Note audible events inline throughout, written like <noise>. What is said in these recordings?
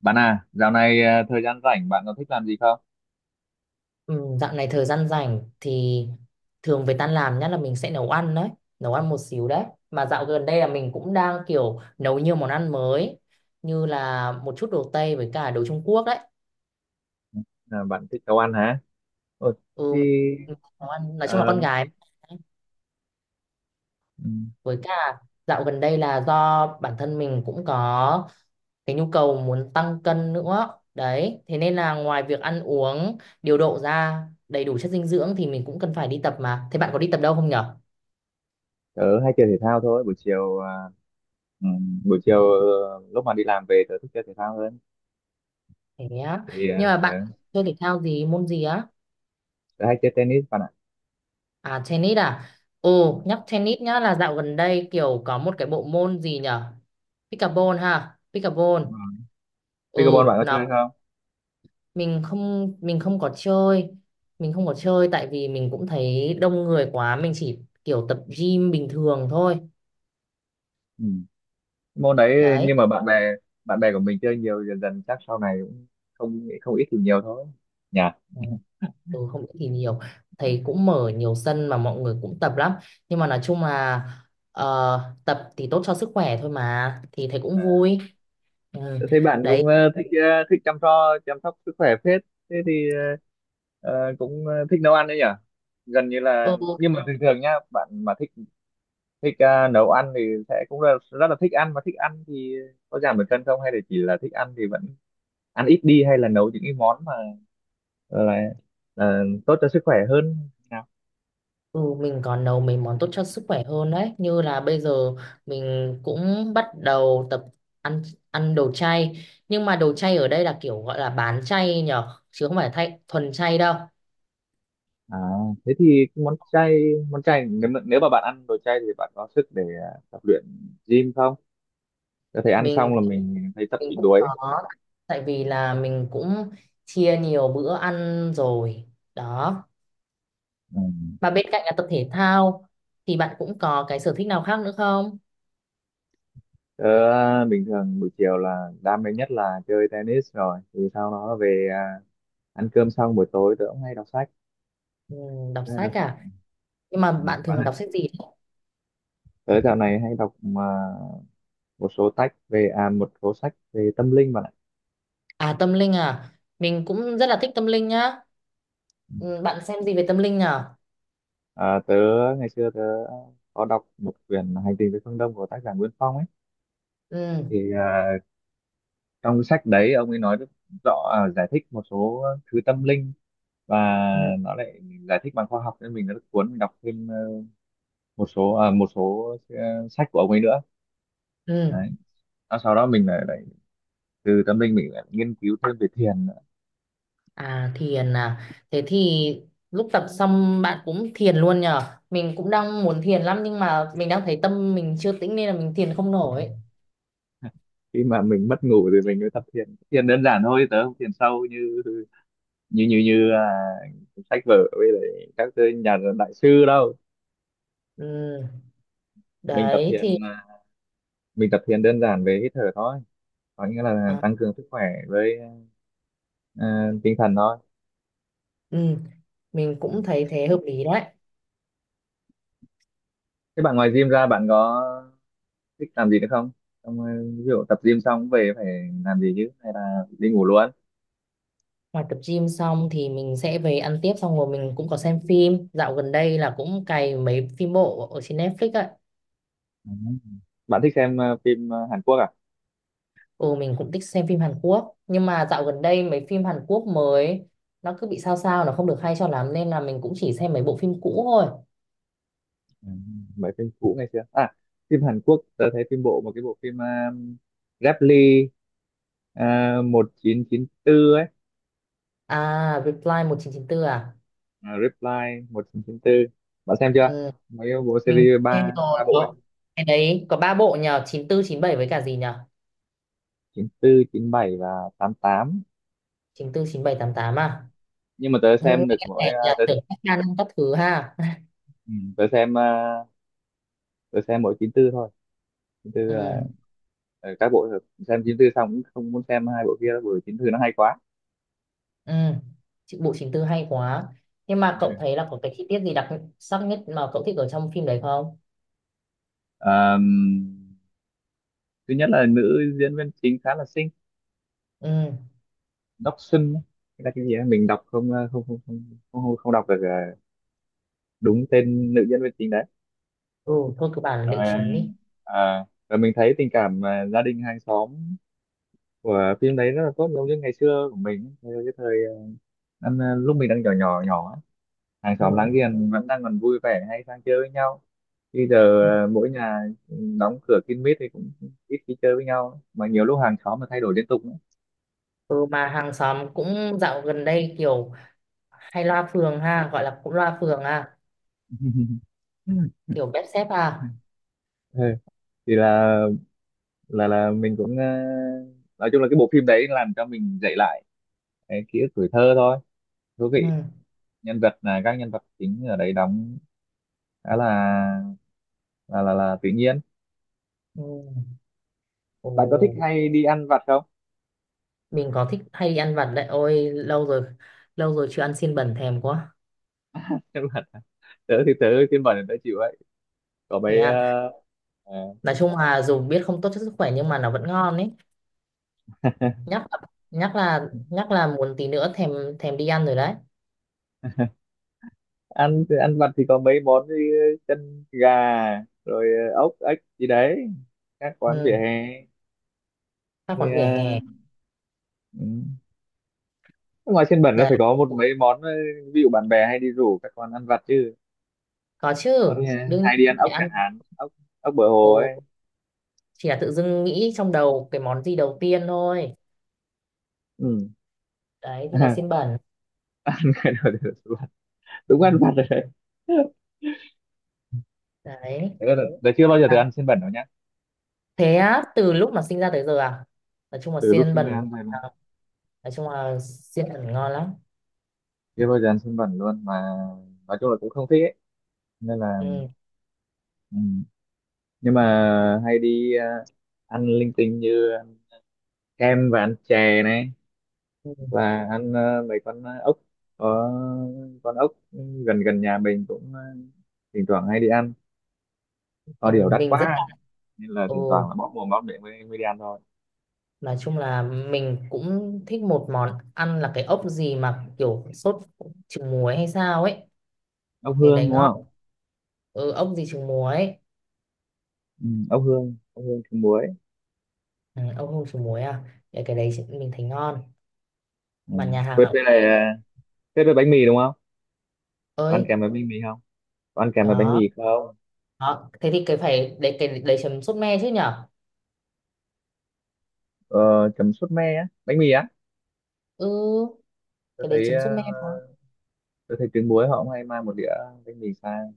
Bạn à, dạo này à, thời gian rảnh bạn có thích làm gì không? Ừ, dạo này thời gian rảnh thì thường về tan làm nhất là mình sẽ nấu ăn đấy, nấu ăn một xíu đấy. Mà dạo gần đây là mình cũng đang kiểu nấu nhiều món ăn mới như là một chút đồ Tây với cả đồ Trung Quốc đấy. À, bạn thích nấu ăn hả? Ừ, Ừ, thì mình- nấu ăn nói chung là ờ, con gái ừm, với cả dạo gần đây là do bản thân mình cũng có cái nhu cầu muốn tăng cân nữa. Đấy, thế nên là ngoài việc ăn uống điều độ ra đầy đủ chất dinh dưỡng thì mình cũng cần phải đi tập mà. Thế bạn có đi tập đâu không nhỉ? Tớ hay chơi thể thao thôi. Buổi chiều lúc mà đi làm về tớ thích chơi thể thao hơn. Thế á. Thì à, Nhưng mà bạn ờ, chơi thể thao gì, môn gì á? Tớ hay chơi tennis bạn ạ. À, tennis à? Ồ, Ừm, nhắc tennis nhá là dạo gần đây kiểu có một cái bộ môn gì nhở? Pickleball ha, pickleball. Đúng rồi. Pickleball Ừ, bạn có chơi nó không? mình không có chơi. Mình không có chơi tại vì mình cũng thấy đông người quá, mình chỉ kiểu tập gym bình thường thôi. Ừm. Môn đấy Đấy. nhưng mà bạn bè của mình chơi nhiều, dần dần chắc sau này cũng không không ít thì nhiều thôi. Nhỉ? Ừ, không biết thì nhiều. Thấy cũng mở nhiều sân mà mọi người cũng tập lắm. Nhưng mà nói chung là tập thì tốt cho sức khỏe thôi mà thì thấy cũng À. vui. Ừ. Tôi thấy bạn Đấy, cũng thích thích chăm lo chăm sóc sức khỏe phết. Thế thì ờ, ờ, cũng ờ, thích nấu ăn đấy nhỉ? Gần như là, ừ, nhưng mà thường thường nhá, bạn mà thích thích ờ, nấu ăn thì sẽ cũng là rất là thích ăn, mà thích ăn thì có giảm được cân không, hay là chỉ là thích ăn thì vẫn ăn ít đi, hay là nấu những cái món mà ờ, là tốt cho sức khỏe hơn nào? ừ, mình còn nấu mấy món tốt cho sức khỏe hơn đấy. Như là bây giờ mình cũng bắt đầu tập ăn ăn đồ chay. Nhưng mà đồ chay ở đây là kiểu gọi là bán chay nhở, chứ không phải thay thuần chay đâu. À, thế thì cái món chay, nếu mà bạn ăn đồ chay thì bạn có sức để tập luyện gym không? Có thể ăn xong Mình là mình thấy tập mình bị cũng đuối. có, tại vì là mình cũng chia nhiều bữa ăn rồi. Đó. Ừ. Mà bên cạnh là tập thể thao thì bạn cũng có cái sở thích nào khác nữa không? Ờ, Bình thường buổi chiều là đam mê nhất là chơi tennis, rồi thì sau đó về ăn cơm xong buổi tối tớ cũng hay đọc sách, Ừ, đọc tớ hay đọc sách sách à? Nhưng mà ừ bạn bạn thường ạ. đọc sách gì? Tớ dạo này hay đọc mà một số sách về à một số sách về tâm linh bạn ạ. À, tâm linh à, mình cũng rất là thích tâm linh nhá. Ừ. Ừ, bạn xem gì về tâm linh nhở? à, tớ Ngày xưa tớ có đọc một quyển Hành trình về phương Đông của tác giả Nguyễn Phong ấy, Ừ, thì à, trong cái sách đấy ông ấy nói rất rõ, giải thích một số thứ tâm linh, và ừ, nó lại giải thích bằng khoa học nên mình rất cuốn, mình đọc thêm ờ, một số à, một số ờ, sách của ông ấy nữa ừ. đấy. Và sau đó mình lại, lại từ tâm linh mình lại nghiên cứu thêm về thiền nữa. À, thiền à, thế thì lúc tập xong bạn cũng thiền luôn nhở? Mình cũng đang muốn thiền lắm nhưng mà mình đang thấy tâm mình chưa tĩnh nên là mình thiền không nổi. Khi mà mình mất ngủ thì mình mới tập thiền, thiền đơn giản thôi, tớ không thiền sâu như như như như à, sách vở với lại các cái nhà đại sư đâu. Ừ, mình tập đấy thì thiền à, mình tập thiền đơn giản về hít thở thôi, có nghĩa là à, tăng cường sức khỏe với tinh thần thôi. ừ, mình Ừ. cũng thấy thế hợp lý đấy. Thế bạn ngoài gym ra bạn có thích làm gì nữa không? Xong, ví dụ tập gym xong về phải làm gì chứ, hay là đi ngủ luôn? Ngoài tập gym xong thì mình sẽ về ăn tiếp xong rồi mình cũng có xem phim. Dạo gần đây là cũng cày mấy phim bộ ở trên Netflix ấy. À. Bạn thích xem phim Hàn Quốc à? Ừ, mình cũng thích xem phim Hàn Quốc. Nhưng mà dạo gần đây mấy phim Hàn Quốc mới nó cứ bị sao sao, nó không được hay cho lắm, nên là mình cũng chỉ xem mấy bộ phim cũ thôi. À, mấy phim cũ ngày xưa. À, phim Hàn Quốc tớ thấy phim bộ, một cái bộ phim Reply 1994 ấy, À, Reply 1994 à, à, Reply 1994. Bạn xem chưa? ừ, Mấy cái bộ mình series xem ba rồi. ba bộ ấy, Có, cái đấy có ba bộ nhờ, 94, 97 với cả gì nhờ? 94, 97 và 88. 94, 97, 88 à? Nhưng mà tớ Ừ, xem được cái mỗi này nhà ờ, tớ, tưởng các ca năm các thứ ha. <laughs> ừ, tớ xem ờ, tớ xem mỗi 94 thôi. 94 là Ừ, ờ, ờ, các bộ xem 94 xong cũng không muốn xem hai bộ kia đâu, bởi 94 nó hay quá. ừ. Chị- Bộ 94 hay quá. Nhưng mà cậu thấy là <laughs> có cái chi tiết gì đặc sắc nhất mà cậu thích ở trong phim đấy không? Ờ, thứ nhất là nữ diễn viên chính khá là xinh, Ừ, Đốc Xuân ấy. Thế là cái gì ấy, mình đọc không không đọc được đúng tên nữ diễn viên chính đấy. ừ, thôi cứ bảo là nữ Rồi chính đi. Rồi mình thấy tình cảm gia đình hàng xóm của phim đấy rất là tốt, giống như ngày xưa của mình thời- cái thời ờ, năm, ờ, lúc mình đang nhỏ nhỏ nhỏ ấy. Hàng Ừ. xóm láng giềng vẫn đang còn vui vẻ hay sang chơi với nhau, bây giờ mỗi nhà đóng cửa kín mít thì cũng ít khi chơi với nhau, mà nhiều lúc hàng xóm mà thay đổi liên tục nữa. Ừ, mà hàng xóm cũng dạo gần đây kiểu hay loa phường ha, gọi là cũng loa phường ha, <laughs> kiểu bếp xếp ha. Ừ. thì là mình cũng ờ, Nói chung là cái bộ phim đấy làm cho mình dậy lại cái ký ức tuổi thơ thôi, thú Ừ. vị. Nhân vật là các nhân vật chính ở đấy đóng khá là là tự nhiên. Ừ. Ồ, Bạn có thích hay đi ăn vặt không? mình có thích hay đi ăn vặt đấy. Ôi, lâu rồi chưa ăn xiên bẩn, thèm quá. <laughs> Chắc là tớ thì tớ, phiên bản tớ chịu ấy, có Thế mấy à? Ờ, Nói chung là dù biết không tốt cho sức khỏe nhưng mà nó vẫn ngon ấy. <laughs> Nhắc là, nhắc là muốn tí nữa thèm, thèm đi ăn rồi đấy. ăn ăn vặt thì có mấy món như chân gà, rồi ốc ếch gì đấy, các quán vỉa Ừ, hè ta thì còn vỉa hè ừ ngoài trên bẩn nó đấy. phải có một mấy món ví dụ. Bạn bè hay đi rủ các con ăn vặt chứ Có con. chứ, Ừ. Đương nhiên Hay đi ăn vẫn ốc phải ăn. chẳng hạn, ốc, ốc bờ Ồ, hồ ấy. chỉ là tự dưng nghĩ trong đầu cái món gì đầu tiên thôi. Ừ. Đấy thì là xiên <laughs> bẩn. Đúng Ừ. ăn vặt rồi đấy. Đấy. Thế là chưa bao giờ được À, ăn xiên bẩn đâu nhá, thế á, từ lúc mà sinh ra tới giờ à? Nói chung là từ lúc xiên sinh ra bẩn ăn thôi mà, à, nói chung là xiên bẩn ngon lắm. chưa bao giờ ăn xiên bẩn luôn mà, nói chung là cũng không thích ấy, nên là Ừ. ừ. Nhưng mà hay đi ăn linh tinh như ăn kem và ăn chè này, Ừ. là ăn mấy con ốc, có con ốc gần gần nhà mình cũng thỉnh thoảng hay đi ăn, có điều Ừ, đắt mình rất là- quá nên là thỉnh thoảng Ồ, là bóp mồm bóp miệng mới đi ăn thôi. nói chung là mình cũng thích một món ăn là cái ốc gì mà kiểu sốt trứng muối hay sao ấy. Ốc Cái đấy hương đúng ngon. không? Ừ, ốc gì trứng muối ấy. Ừ, ốc hương trứng muối. Ừ, ốc hương trứng muối à, cái đấy chị- mình thấy ngon, Ừ. mà nhà hàng Quyết nào với cũng hay lại ấy. quyết với bánh mì đúng không? Có ăn Ơi, kèm với bánh mì không? Có ăn kèm với bánh có. mì không? Đó, thế thì cái phải đấy, cái đấy chấm sốt me chứ nhở? Ờ, Chấm sốt me á, bánh mì á. Ừ, Tôi cái đấy thấy chấm sốt me quá. tôi thấy trứng muối họ cũng hay mang một đĩa bánh mì sang,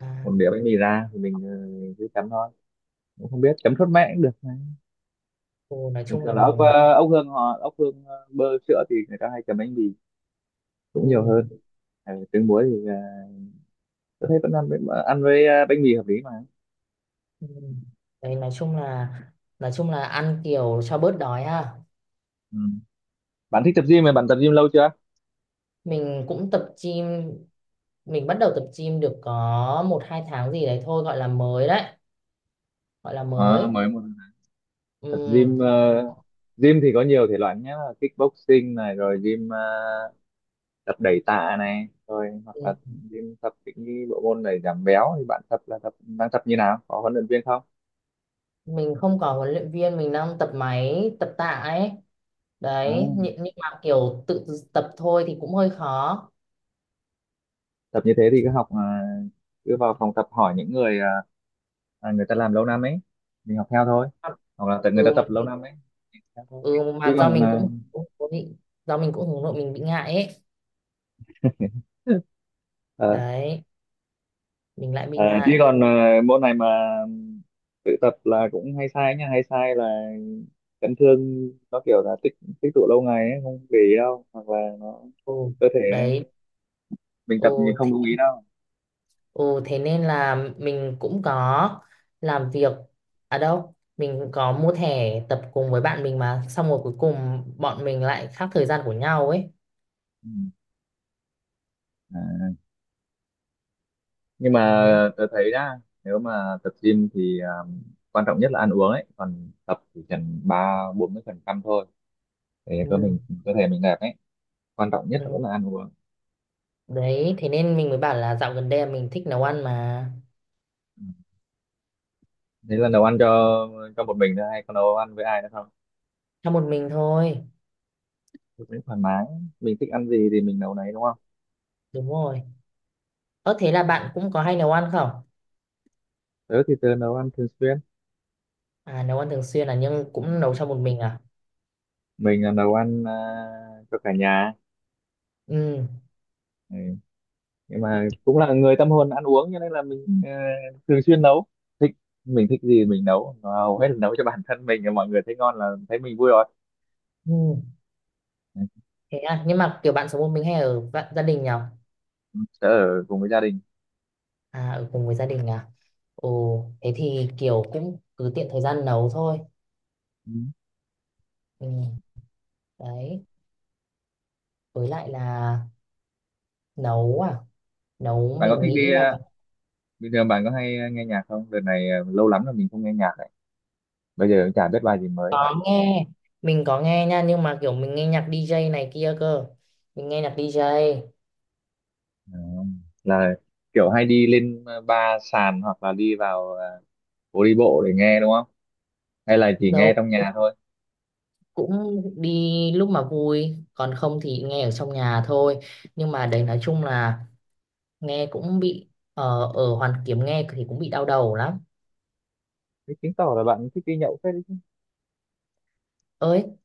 À, một đĩa bánh mì ra thì mình cứ chấm thôi, cũng không biết, chấm sốt me cũng được. ừ, nói Bình chung là thường là ốc mình- ốc hương họ ốc hương bơ sữa thì người ta hay chấm bánh mì Ừ, cũng nhiều hơn. Ờ, trứng muối thì tôi thấy vẫn ăn với- ăn với bánh mì hợp lý mà. ừ. Đấy nói chung là, nói chung là ăn kiểu cho bớt đói ha. Ừ. Bạn thích tập gym mà bạn tập gym lâu chưa? Mình cũng tập gym, mình bắt đầu tập gym được có một hai tháng gì đấy thôi, gọi là mới đấy, gọi là Ờ, mới. mới một, tập Ừ. gym gym thì có nhiều thể loại nhé, là kickboxing này, rồi gym tập đẩy tạ này, rồi hoặc Ừ, là gym tập những cái bộ môn để giảm béo, thì bạn tập là tập đang tập như nào, có huấn luyện viên không? mình không có huấn luyện viên, mình đang tập máy tập tạ ấy. à, Đấy nhưng mà kiểu tự tập thôi thì cũng hơi khó. Tập như thế thì cứ học cứ vào phòng tập hỏi những người người ta làm lâu năm ấy, mình học theo thôi, hoặc là tại người ta Ừ mà tập lâu năm ấy mình học theo thôi, chứ do còn mình cũng cũng có bị, do mình cũng hướng nội mình bị ngại ấy. <laughs> ờ, Đấy, mình lại bị ờ, chứ ngại. còn môn này mà tự tập là cũng hay sai nha, hay sai là chấn thương, nó kiểu là tích, tích tụ lâu ngày ấy không để ý đâu, hoặc là nó Ừ. cơ thể Đấy. nó- mình Ừ, tập mình không thế, lưu ý đâu. ừ thế nên là mình cũng có làm việc ở đâu mình có mua thẻ tập cùng với bạn mình mà xong rồi cuối cùng bọn mình lại khác thời gian của nhau ấy. Ừ. À. Nhưng mà Đấy. tôi thấy nhá, nếu mà tập gym thì quan trọng nhất là ăn uống ấy, còn tập thì cần ba bốn mươi phần trăm thôi, để Ừ, cơ mình, cơ thể mình đẹp ấy, quan trọng nhất là ừ. vẫn là ăn uống. Đấy thế nên mình mới bảo là dạo gần đây là mình thích nấu ăn mà. Ừ. Thế là nấu ăn cho một mình thôi hay có nấu ăn với ai nữa không? Cho một mình thôi. Mình thoải mái, mình thích ăn gì thì mình nấu nấy đúng không? Đúng rồi. Ơ thế là bạn cũng có hay nấu ăn không? Tớ thì tớ nấu ăn thường xuyên. À, nấu ăn thường xuyên à, nhưng cũng nấu cho một mình à? Mình là nấu ăn cho cả nhà. Ừ, Ừ. Nhưng mà cũng là người tâm hồn ăn uống cho nên là mình thường xuyên nấu, thích, mình thích gì mình nấu. Mà hầu hết là nấu cho bản thân mình, mọi người thấy ngon là thấy mình vui rồi. ừ, Ừ. thế à, nhưng mà kiểu bạn sống một mình hay ở vạ- gia đình nhở? Tớ ở cùng với gia đình. À, ở cùng với gia đình à? Ồ, thế thì kiểu cũng cứ tiện thời gian nấu thôi. Ừ. Ừ, đấy, với lại là nấu nấu Bạn có mình thích nghĩ đi là- bình thường bạn có hay nghe nhạc không? Đợt này lâu lắm là mình không nghe nhạc, bây giờ cũng chả biết bài gì mới cả. Có nghe, mình có nghe nha, nhưng mà kiểu mình nghe nhạc DJ này kia cơ. Mình nghe nhạc DJ, Ờ, là kiểu hay đi lên ba sàn, hoặc là đi vào phố đi bộ để nghe đúng không, hay là chỉ nghe đâu trong nhà thôi? cũng đi lúc mà vui, còn không thì nghe ở trong nhà thôi. Nhưng mà đấy nói chung là nghe cũng bị, ở Hoàn Kiếm nghe thì cũng bị đau đầu lắm. Thế chứng tỏ là bạn thích đi nhậu phết đấy chứ, Ơi,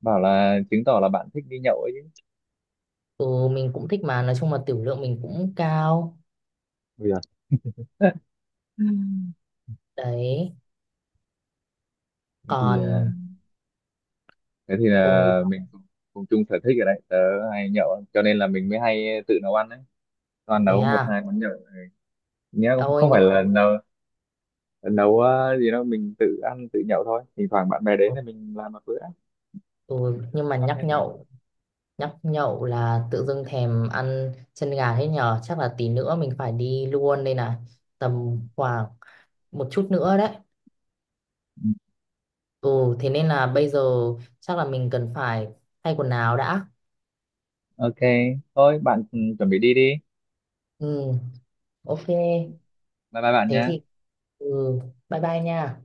bảo là chứng tỏ là bạn thích đi nhậu ấy chứ. ừ, mình cũng thích mà nói chung là tiểu lượng mình cũng cao. Bây giờ <laughs> Đấy thế thì còn- thế thì Ừ. là cùng chung sở thích ở đấy, tớ hay nhậu cho nên là mình mới hay tự nấu ăn đấy, toàn Thế nấu một à? hai món nhậu nhé, không, Ôi không phải nhưng mà- là nấu nấu ờ, gì đâu, mình tự ăn tự nhậu thôi, thỉnh thoảng bạn bè đến Ừ, thì mình làm một bữa ừ, nhưng mà có nhắc thể được. nhậu, nhắc nhậu là tự dưng thèm ăn chân gà thế nhở, chắc là tí nữa mình phải đi luôn đây này. Tầm khoảng một chút nữa đấy. Ừ thế nên là bây giờ chắc là mình cần phải thay quần áo đã. OK, thôi bạn ừ, chuẩn bị đi đi, Ừ, ok. bye bye bạn Thế thì nhé. ừ, bye bye nha.